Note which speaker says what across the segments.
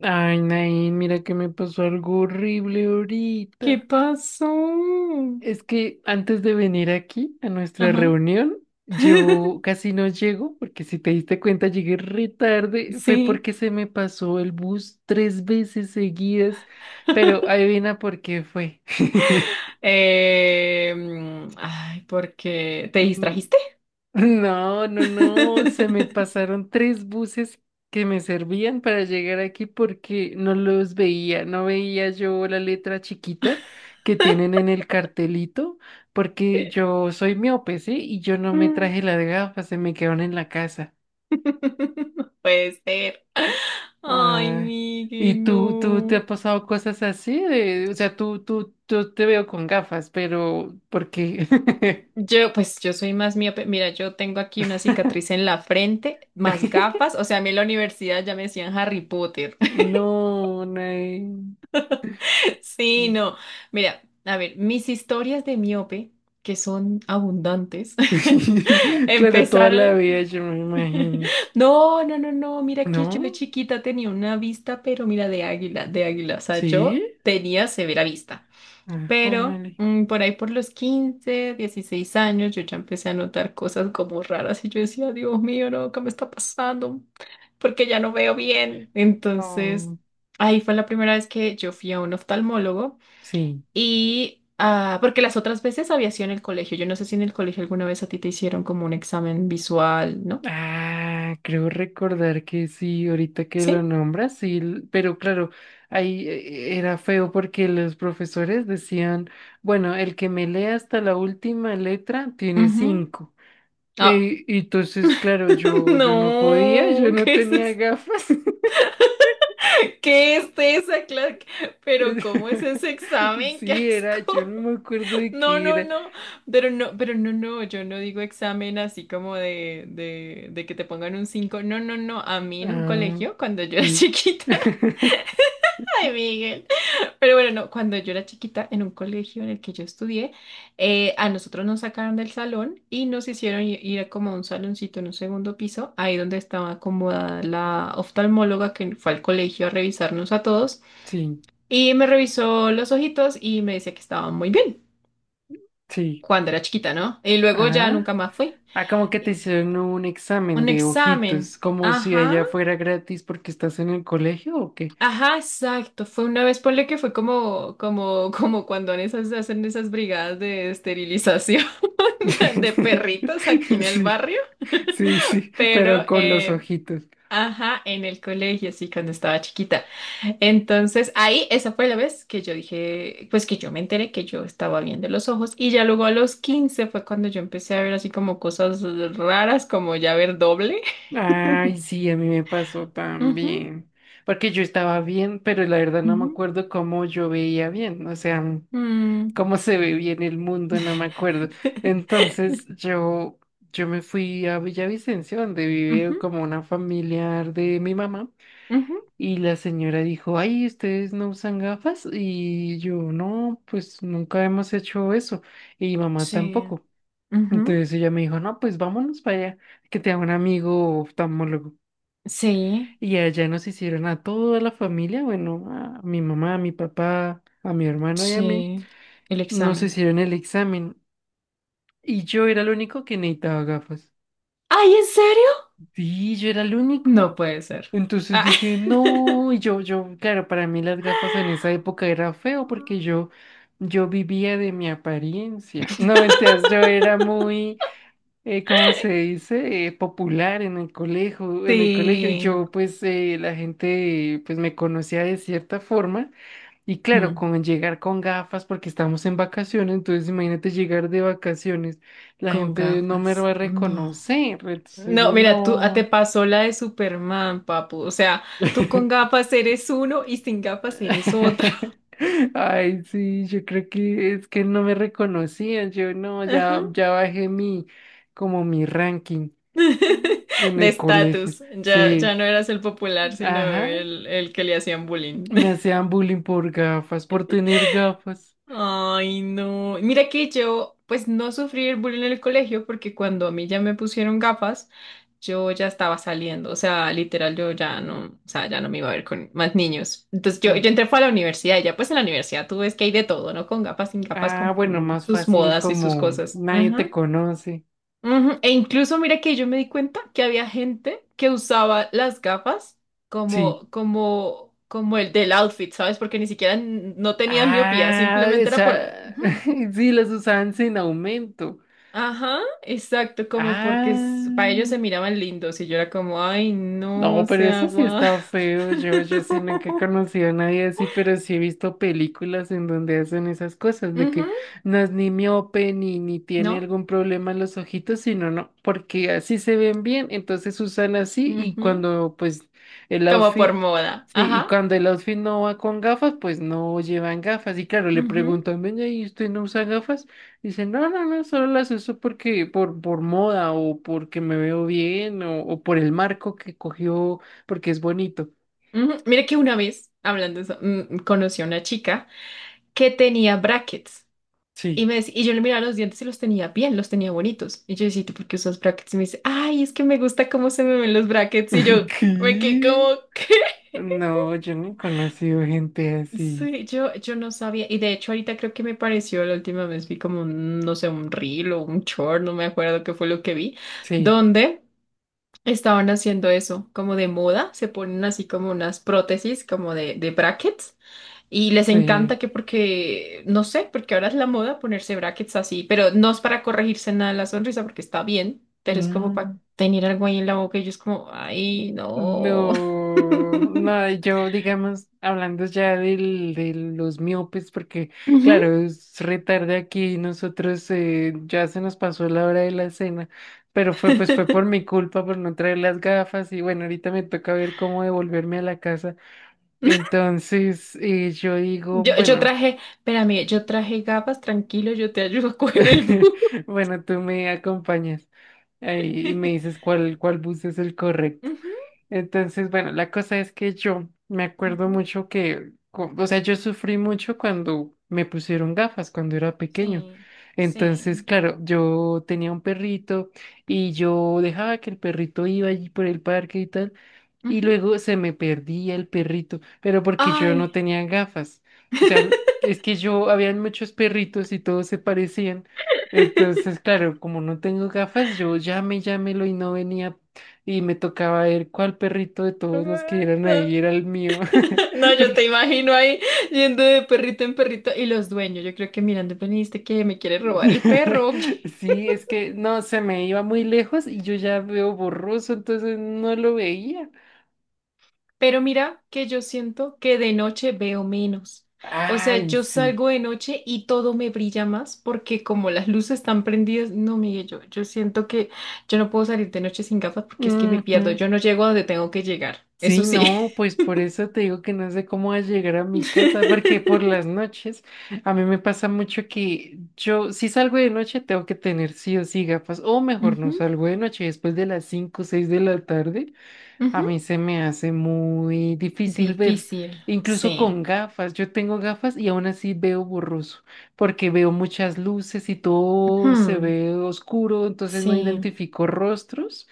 Speaker 1: Ay, Nain, mira que me pasó algo horrible
Speaker 2: ¿Qué
Speaker 1: ahorita.
Speaker 2: pasó?
Speaker 1: Es que antes de venir aquí a nuestra
Speaker 2: Ajá.
Speaker 1: reunión, yo casi no llego, porque si te diste cuenta llegué re tarde. Fue
Speaker 2: Sí.
Speaker 1: porque se me pasó el bus 3 veces seguidas. Pero adivina por qué fue.
Speaker 2: Ay, porque te distrajiste.
Speaker 1: No, no, no, se me pasaron tres buses que me servían para llegar aquí porque no los veía, no veía yo la letra chiquita que tienen en el cartelito, porque yo soy miope, ¿sí? Y yo no me
Speaker 2: Mm.
Speaker 1: traje las gafas, se me quedaron en la casa.
Speaker 2: No puede ser. Ay,
Speaker 1: Ay. ¿Y
Speaker 2: Miguel,
Speaker 1: tú, te
Speaker 2: no.
Speaker 1: ha pasado cosas así? O sea, yo te veo con gafas, pero ¿por qué?
Speaker 2: Yo, pues yo soy más miope. Mira, yo tengo aquí una cicatriz en la frente, más gafas. O sea, a mí en la universidad ya me decían Harry Potter.
Speaker 1: No, no hay.
Speaker 2: Sí, no. Mira, a ver, mis historias de miope, que son abundantes.
Speaker 1: Claro, toda
Speaker 2: Empezar
Speaker 1: la vida yo me imagino.
Speaker 2: No, no, no, no. Mira que yo de
Speaker 1: ¿No?
Speaker 2: chiquita tenía una vista, pero mira, de águila, de águila. O sea,
Speaker 1: ¿Sí?
Speaker 2: yo tenía severa vista.
Speaker 1: Ah, jue
Speaker 2: Pero por ahí por los 15 16 años, yo ya empecé a notar cosas como raras y yo decía, Dios mío, no, ¿qué me está pasando? Porque ya no veo bien. Entonces,
Speaker 1: no.
Speaker 2: ahí fue la primera vez que yo fui a un oftalmólogo
Speaker 1: Sí.
Speaker 2: y porque las otras veces había sido en el colegio. Yo no sé si en el colegio alguna vez a ti te hicieron como un examen visual, ¿no?
Speaker 1: Ah, creo recordar que sí, ahorita que lo
Speaker 2: Sí.
Speaker 1: nombras, sí, pero claro, ahí era feo porque los profesores decían, bueno, el que me lea hasta la última letra tiene
Speaker 2: Ujú.
Speaker 1: cinco.
Speaker 2: Ah,
Speaker 1: Y entonces, claro, yo no podía, yo
Speaker 2: no,
Speaker 1: no
Speaker 2: ¿qué es
Speaker 1: tenía
Speaker 2: eso?
Speaker 1: gafas.
Speaker 2: ¿Qué es esa clase? Pero ¿cómo es ese examen? ¡Qué
Speaker 1: Sí, era,
Speaker 2: asco!
Speaker 1: yo no me acuerdo de
Speaker 2: No,
Speaker 1: qué
Speaker 2: no,
Speaker 1: era.
Speaker 2: no. Pero no, pero no, no, yo no digo examen así como de que te pongan un 5. No, no, no. A mí en un
Speaker 1: Ah,
Speaker 2: colegio, cuando yo era
Speaker 1: sí.
Speaker 2: chiquita, ay, Miguel. Pero bueno, no, cuando yo era chiquita, en un colegio en el que yo estudié, a nosotros nos sacaron del salón y nos hicieron ir como a un saloncito en un segundo piso, ahí donde estaba acomodada la oftalmóloga que fue al colegio a revisarnos a todos
Speaker 1: Sí,
Speaker 2: y me revisó los ojitos y me decía que estaban muy bien
Speaker 1: sí.
Speaker 2: cuando era chiquita, ¿no? Y luego ya
Speaker 1: Ajá.
Speaker 2: nunca más fui.
Speaker 1: Ah, como que te
Speaker 2: Y-
Speaker 1: hicieron un examen
Speaker 2: Un
Speaker 1: de
Speaker 2: examen.
Speaker 1: ojitos, como si
Speaker 2: Ajá.
Speaker 1: allá fuera gratis porque estás en el colegio o qué.
Speaker 2: Ajá, exacto. Fue una vez, ponle que fue como, cuando en esas, hacen esas brigadas de esterilización. De perritos aquí en el
Speaker 1: Sí,
Speaker 2: barrio,
Speaker 1: sí, sí, pero
Speaker 2: pero
Speaker 1: con los ojitos.
Speaker 2: ajá, en el colegio, sí, cuando estaba chiquita. Entonces, ahí, esa fue la vez que yo dije, pues que yo me enteré que yo estaba viendo los ojos y ya luego a los 15 fue cuando yo empecé a ver así como cosas raras, como ya ver doble.
Speaker 1: Ay, sí, a mí me pasó
Speaker 2: Ujú,
Speaker 1: también. Porque yo estaba bien, pero la verdad no me
Speaker 2: ujú,
Speaker 1: acuerdo cómo yo veía bien. O sea,
Speaker 2: mm,
Speaker 1: cómo se ve bien el mundo, no me acuerdo. Entonces yo me fui a Villavicencio, donde vive
Speaker 2: ujú,
Speaker 1: como una familiar de mi mamá,
Speaker 2: ujú,
Speaker 1: y la señora dijo, ay, ¿ustedes no usan gafas? Y yo, no, pues nunca hemos hecho eso, y mamá
Speaker 2: sí,
Speaker 1: tampoco.
Speaker 2: ujú,
Speaker 1: Entonces ella me dijo, no, pues vámonos para allá, que te haga un amigo oftalmólogo.
Speaker 2: sí,
Speaker 1: Y allá nos hicieron a toda la familia, bueno, a mi mamá, a mi papá, a mi hermano y a mí,
Speaker 2: sí, el
Speaker 1: nos
Speaker 2: examen.
Speaker 1: hicieron el examen. Y yo era el único que necesitaba gafas.
Speaker 2: ¿Ay, en serio?
Speaker 1: Sí, yo era el único.
Speaker 2: No puede ser.
Speaker 1: Entonces
Speaker 2: Ah.
Speaker 1: dije, no, y claro, para mí las gafas en esa época era feo porque yo vivía de mi apariencia. No, mentiras, yo era muy, ¿cómo se dice? Popular en el colegio. Y
Speaker 2: Sí,
Speaker 1: yo, pues, la gente, pues, me conocía de cierta forma. Y claro,
Speaker 2: mm,
Speaker 1: con llegar con gafas porque estamos en vacaciones, entonces imagínate llegar de vacaciones, la
Speaker 2: con
Speaker 1: gente no me
Speaker 2: gafas.
Speaker 1: va a
Speaker 2: No.
Speaker 1: reconocer, entonces
Speaker 2: No,
Speaker 1: yo
Speaker 2: mira, tú te
Speaker 1: no.
Speaker 2: pasó la de Superman, papu. O sea, tú con gafas eres uno y sin gafas eres otro.
Speaker 1: Ay, sí, yo creo que es que no me reconocían, yo no,
Speaker 2: Ajá.
Speaker 1: ya bajé mi, como mi ranking en
Speaker 2: De
Speaker 1: el colegio,
Speaker 2: estatus. Ya, ya
Speaker 1: sí,
Speaker 2: no eras el popular, sino
Speaker 1: ajá,
Speaker 2: el que le hacían bullying.
Speaker 1: me hacían bullying por gafas, por tener gafas,
Speaker 2: Ay, no. Mira que yo, pues no sufrí el bullying en el colegio porque cuando a mí ya me pusieron gafas, yo ya estaba saliendo. O sea, literal, yo ya no, o sea, ya no me iba a ver con más niños. Entonces yo
Speaker 1: sí.
Speaker 2: entré fue a la universidad y ya pues en la universidad tú ves que hay de todo, ¿no? Con gafas, sin gafas,
Speaker 1: Ah,
Speaker 2: con
Speaker 1: bueno, más
Speaker 2: sus
Speaker 1: fácil
Speaker 2: modas y sus
Speaker 1: como
Speaker 2: cosas.
Speaker 1: nadie
Speaker 2: Ajá.
Speaker 1: te conoce.
Speaker 2: Ujú, e incluso mira que yo me di cuenta que había gente que usaba las gafas
Speaker 1: Sí.
Speaker 2: como, el del outfit, ¿sabes? Porque ni siquiera no tenían miopía,
Speaker 1: Ah, o
Speaker 2: simplemente era por.
Speaker 1: sea,
Speaker 2: Ujú.
Speaker 1: sí, las usaban sin aumento.
Speaker 2: Ajá, exacto, como porque para ellos
Speaker 1: Ah,
Speaker 2: se miraban lindos y yo era como, ay,
Speaker 1: no,
Speaker 2: no,
Speaker 1: pero
Speaker 2: se
Speaker 1: eso sí
Speaker 2: agua.
Speaker 1: está feo. Yo sí nunca he conocido a nadie así, pero sí he visto películas en donde hacen esas cosas, de
Speaker 2: Ujú,
Speaker 1: que no es ni miope ni tiene
Speaker 2: ¿no?
Speaker 1: algún problema en los ojitos, sino no, porque así se ven bien, entonces usan así y
Speaker 2: Ujú,
Speaker 1: cuando pues el
Speaker 2: como por
Speaker 1: outfit,
Speaker 2: moda,
Speaker 1: sí, y
Speaker 2: ajá.
Speaker 1: cuando el outfit no va con gafas, pues no llevan gafas. Y claro, le
Speaker 2: Ujú,
Speaker 1: preguntan, venga, ¿y usted no usa gafas? Dicen, no, no, no, solo las uso porque por moda o porque me veo bien o por el marco que cogió porque es bonito.
Speaker 2: ujú. Mira que una vez, hablando de eso, conocí a una chica que tenía brackets. Y,
Speaker 1: Sí.
Speaker 2: me, dec- y yo le miraba los dientes y los tenía bien, los tenía bonitos. Y yo decía, ¿tú por qué usas brackets? Y me dice, ay, es que me gusta cómo se me ven los brackets. Y yo me quedé
Speaker 1: ¿Qué?
Speaker 2: como, ¿qué?
Speaker 1: No, yo no he conocido gente así.
Speaker 2: Sí, yo no sabía. Y de hecho, ahorita creo que me pareció la última vez, vi como, un, no sé, un reel o un short, no me acuerdo qué fue lo que vi,
Speaker 1: Sí,
Speaker 2: donde estaban haciendo eso, como de moda, se ponen así como unas prótesis, como de brackets. Y les
Speaker 1: sí.
Speaker 2: encanta que porque, no sé, porque ahora es la moda ponerse brackets así, pero no es para corregirse nada la sonrisa porque está bien, pero es como para
Speaker 1: Mm.
Speaker 2: tener algo ahí en la boca y yo es como, ay, no.
Speaker 1: No, no, yo digamos, hablando ya de los miopes, porque
Speaker 2: Ujú.
Speaker 1: claro, es re tarde aquí, nosotros ya se nos pasó la hora de la cena, pero fue por mi culpa por no traer las gafas y bueno, ahorita me toca ver cómo devolverme a la casa. Entonces yo digo,
Speaker 2: Yo
Speaker 1: bueno,
Speaker 2: traje, espérame, yo traje gafas, tranquilo, yo te ayudo a coger el bus.
Speaker 1: bueno, tú me acompañas ahí y me dices cuál bus es el correcto.
Speaker 2: Ujú,
Speaker 1: Entonces, bueno, la cosa es que yo me acuerdo
Speaker 2: ujú,
Speaker 1: mucho que, o sea, yo sufrí mucho cuando me pusieron gafas, cuando era pequeño.
Speaker 2: sí,
Speaker 1: Entonces,
Speaker 2: sí.
Speaker 1: claro, yo tenía un perrito y yo dejaba que el perrito iba allí por el parque y tal y
Speaker 2: Ujú.
Speaker 1: luego se me perdía el perrito, pero porque yo no
Speaker 2: Ay.
Speaker 1: tenía gafas. O sea, es que yo, habían muchos perritos y todos se parecían. Entonces, claro, como no tengo gafas, yo llámelo y no venía. Y me tocaba ver cuál perrito de todos los que eran ahí era el mío.
Speaker 2: No, yo
Speaker 1: Porque
Speaker 2: te imagino ahí yendo de perrito en perrito y los dueños, yo creo que mirando, veniste que me quiere robar el perro. ¿O qué?".
Speaker 1: sí, es que no, se me iba muy lejos y yo ya veo borroso, entonces no lo veía.
Speaker 2: Pero mira que yo siento que de noche veo menos. O sea,
Speaker 1: Ay,
Speaker 2: yo
Speaker 1: sí.
Speaker 2: salgo de noche y todo me brilla más porque como las luces están prendidas, no, Miguel, yo siento que yo no puedo salir de noche sin gafas porque es que me pierdo,
Speaker 1: Ujú.
Speaker 2: yo no llego a donde tengo que llegar, eso
Speaker 1: Sí,
Speaker 2: sí.
Speaker 1: no, pues por eso te digo que no sé cómo vas a llegar a mi casa, porque por las noches a mí me pasa mucho que yo, si salgo de noche, tengo que tener sí o sí gafas, o mejor no
Speaker 2: Ujú,
Speaker 1: salgo de noche después de las 5 o 6 de la tarde. A
Speaker 2: ujú.
Speaker 1: mí se me hace muy difícil ver,
Speaker 2: Difícil,
Speaker 1: incluso
Speaker 2: sí.
Speaker 1: con gafas. Yo tengo gafas y aún así veo borroso, porque veo muchas luces y todo se
Speaker 2: Ujú.
Speaker 1: ve oscuro, entonces no
Speaker 2: Sí,
Speaker 1: identifico rostros.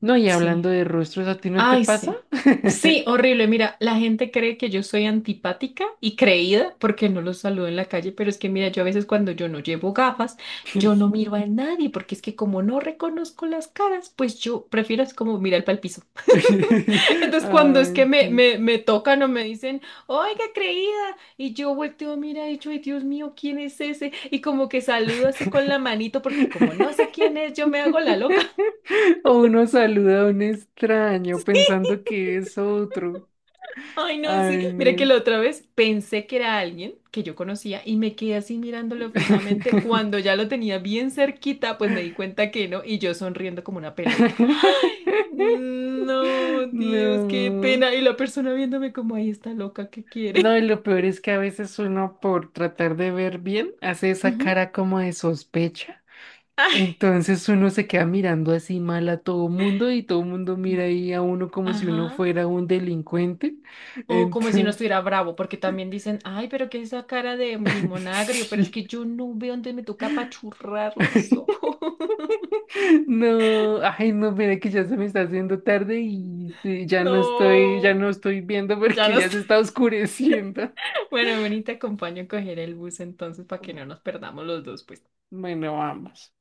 Speaker 1: No, y
Speaker 2: sí.
Speaker 1: hablando de rostros, ¿a ti no te
Speaker 2: Ay,
Speaker 1: pasa?
Speaker 2: sí. Sí, horrible. Mira, la gente cree que yo soy antipática y creída porque no los saludo en la calle, pero es que mira, yo a veces cuando yo no llevo gafas, yo no miro a nadie porque es que como no reconozco las caras, pues yo prefiero es como mirar para el piso. Entonces, cuando es que
Speaker 1: Ay, sí.
Speaker 2: me tocan o me dicen, oiga, creída, y yo volteo, mira, y yo, ay, Dios mío, ¿quién es ese? Y como que saludo así con la manito, porque como no sé quién es, yo me hago la loca.
Speaker 1: O uno saluda a un extraño pensando que es otro.
Speaker 2: Ay, no, sí.
Speaker 1: Ay,
Speaker 2: Mira que
Speaker 1: no.
Speaker 2: la otra vez pensé que era alguien que yo conocía y me quedé así mirándolo fijamente. Cuando ya lo tenía bien cerquita, pues me di cuenta que no y yo sonriendo como una pelota. No, Dios, qué
Speaker 1: No,
Speaker 2: pena. Y la persona viéndome como ahí está loca, ¿qué quiere?
Speaker 1: no, y lo peor es que a veces uno por tratar de ver bien hace esa
Speaker 2: Ujú.
Speaker 1: cara como de sospecha.
Speaker 2: Ay,
Speaker 1: Entonces uno se queda mirando así mal a todo mundo y todo mundo mira
Speaker 2: sí.
Speaker 1: ahí a uno como si uno
Speaker 2: Ajá.
Speaker 1: fuera un delincuente.
Speaker 2: O como si no
Speaker 1: Entonces,
Speaker 2: estuviera bravo, porque también dicen, ay, pero qué es esa cara de limón agrio, pero es
Speaker 1: sí.
Speaker 2: que yo no veo, entonces me toca apachurrar los ojos.
Speaker 1: No, ay, no, mira que ya se me está haciendo tarde y sí, ya no estoy,
Speaker 2: No,
Speaker 1: viendo
Speaker 2: ya
Speaker 1: porque
Speaker 2: no
Speaker 1: ya
Speaker 2: está.
Speaker 1: se está oscureciendo.
Speaker 2: Bueno, ven y te acompaño a coger el bus entonces para que no nos perdamos los dos, pues.
Speaker 1: Bueno, vamos.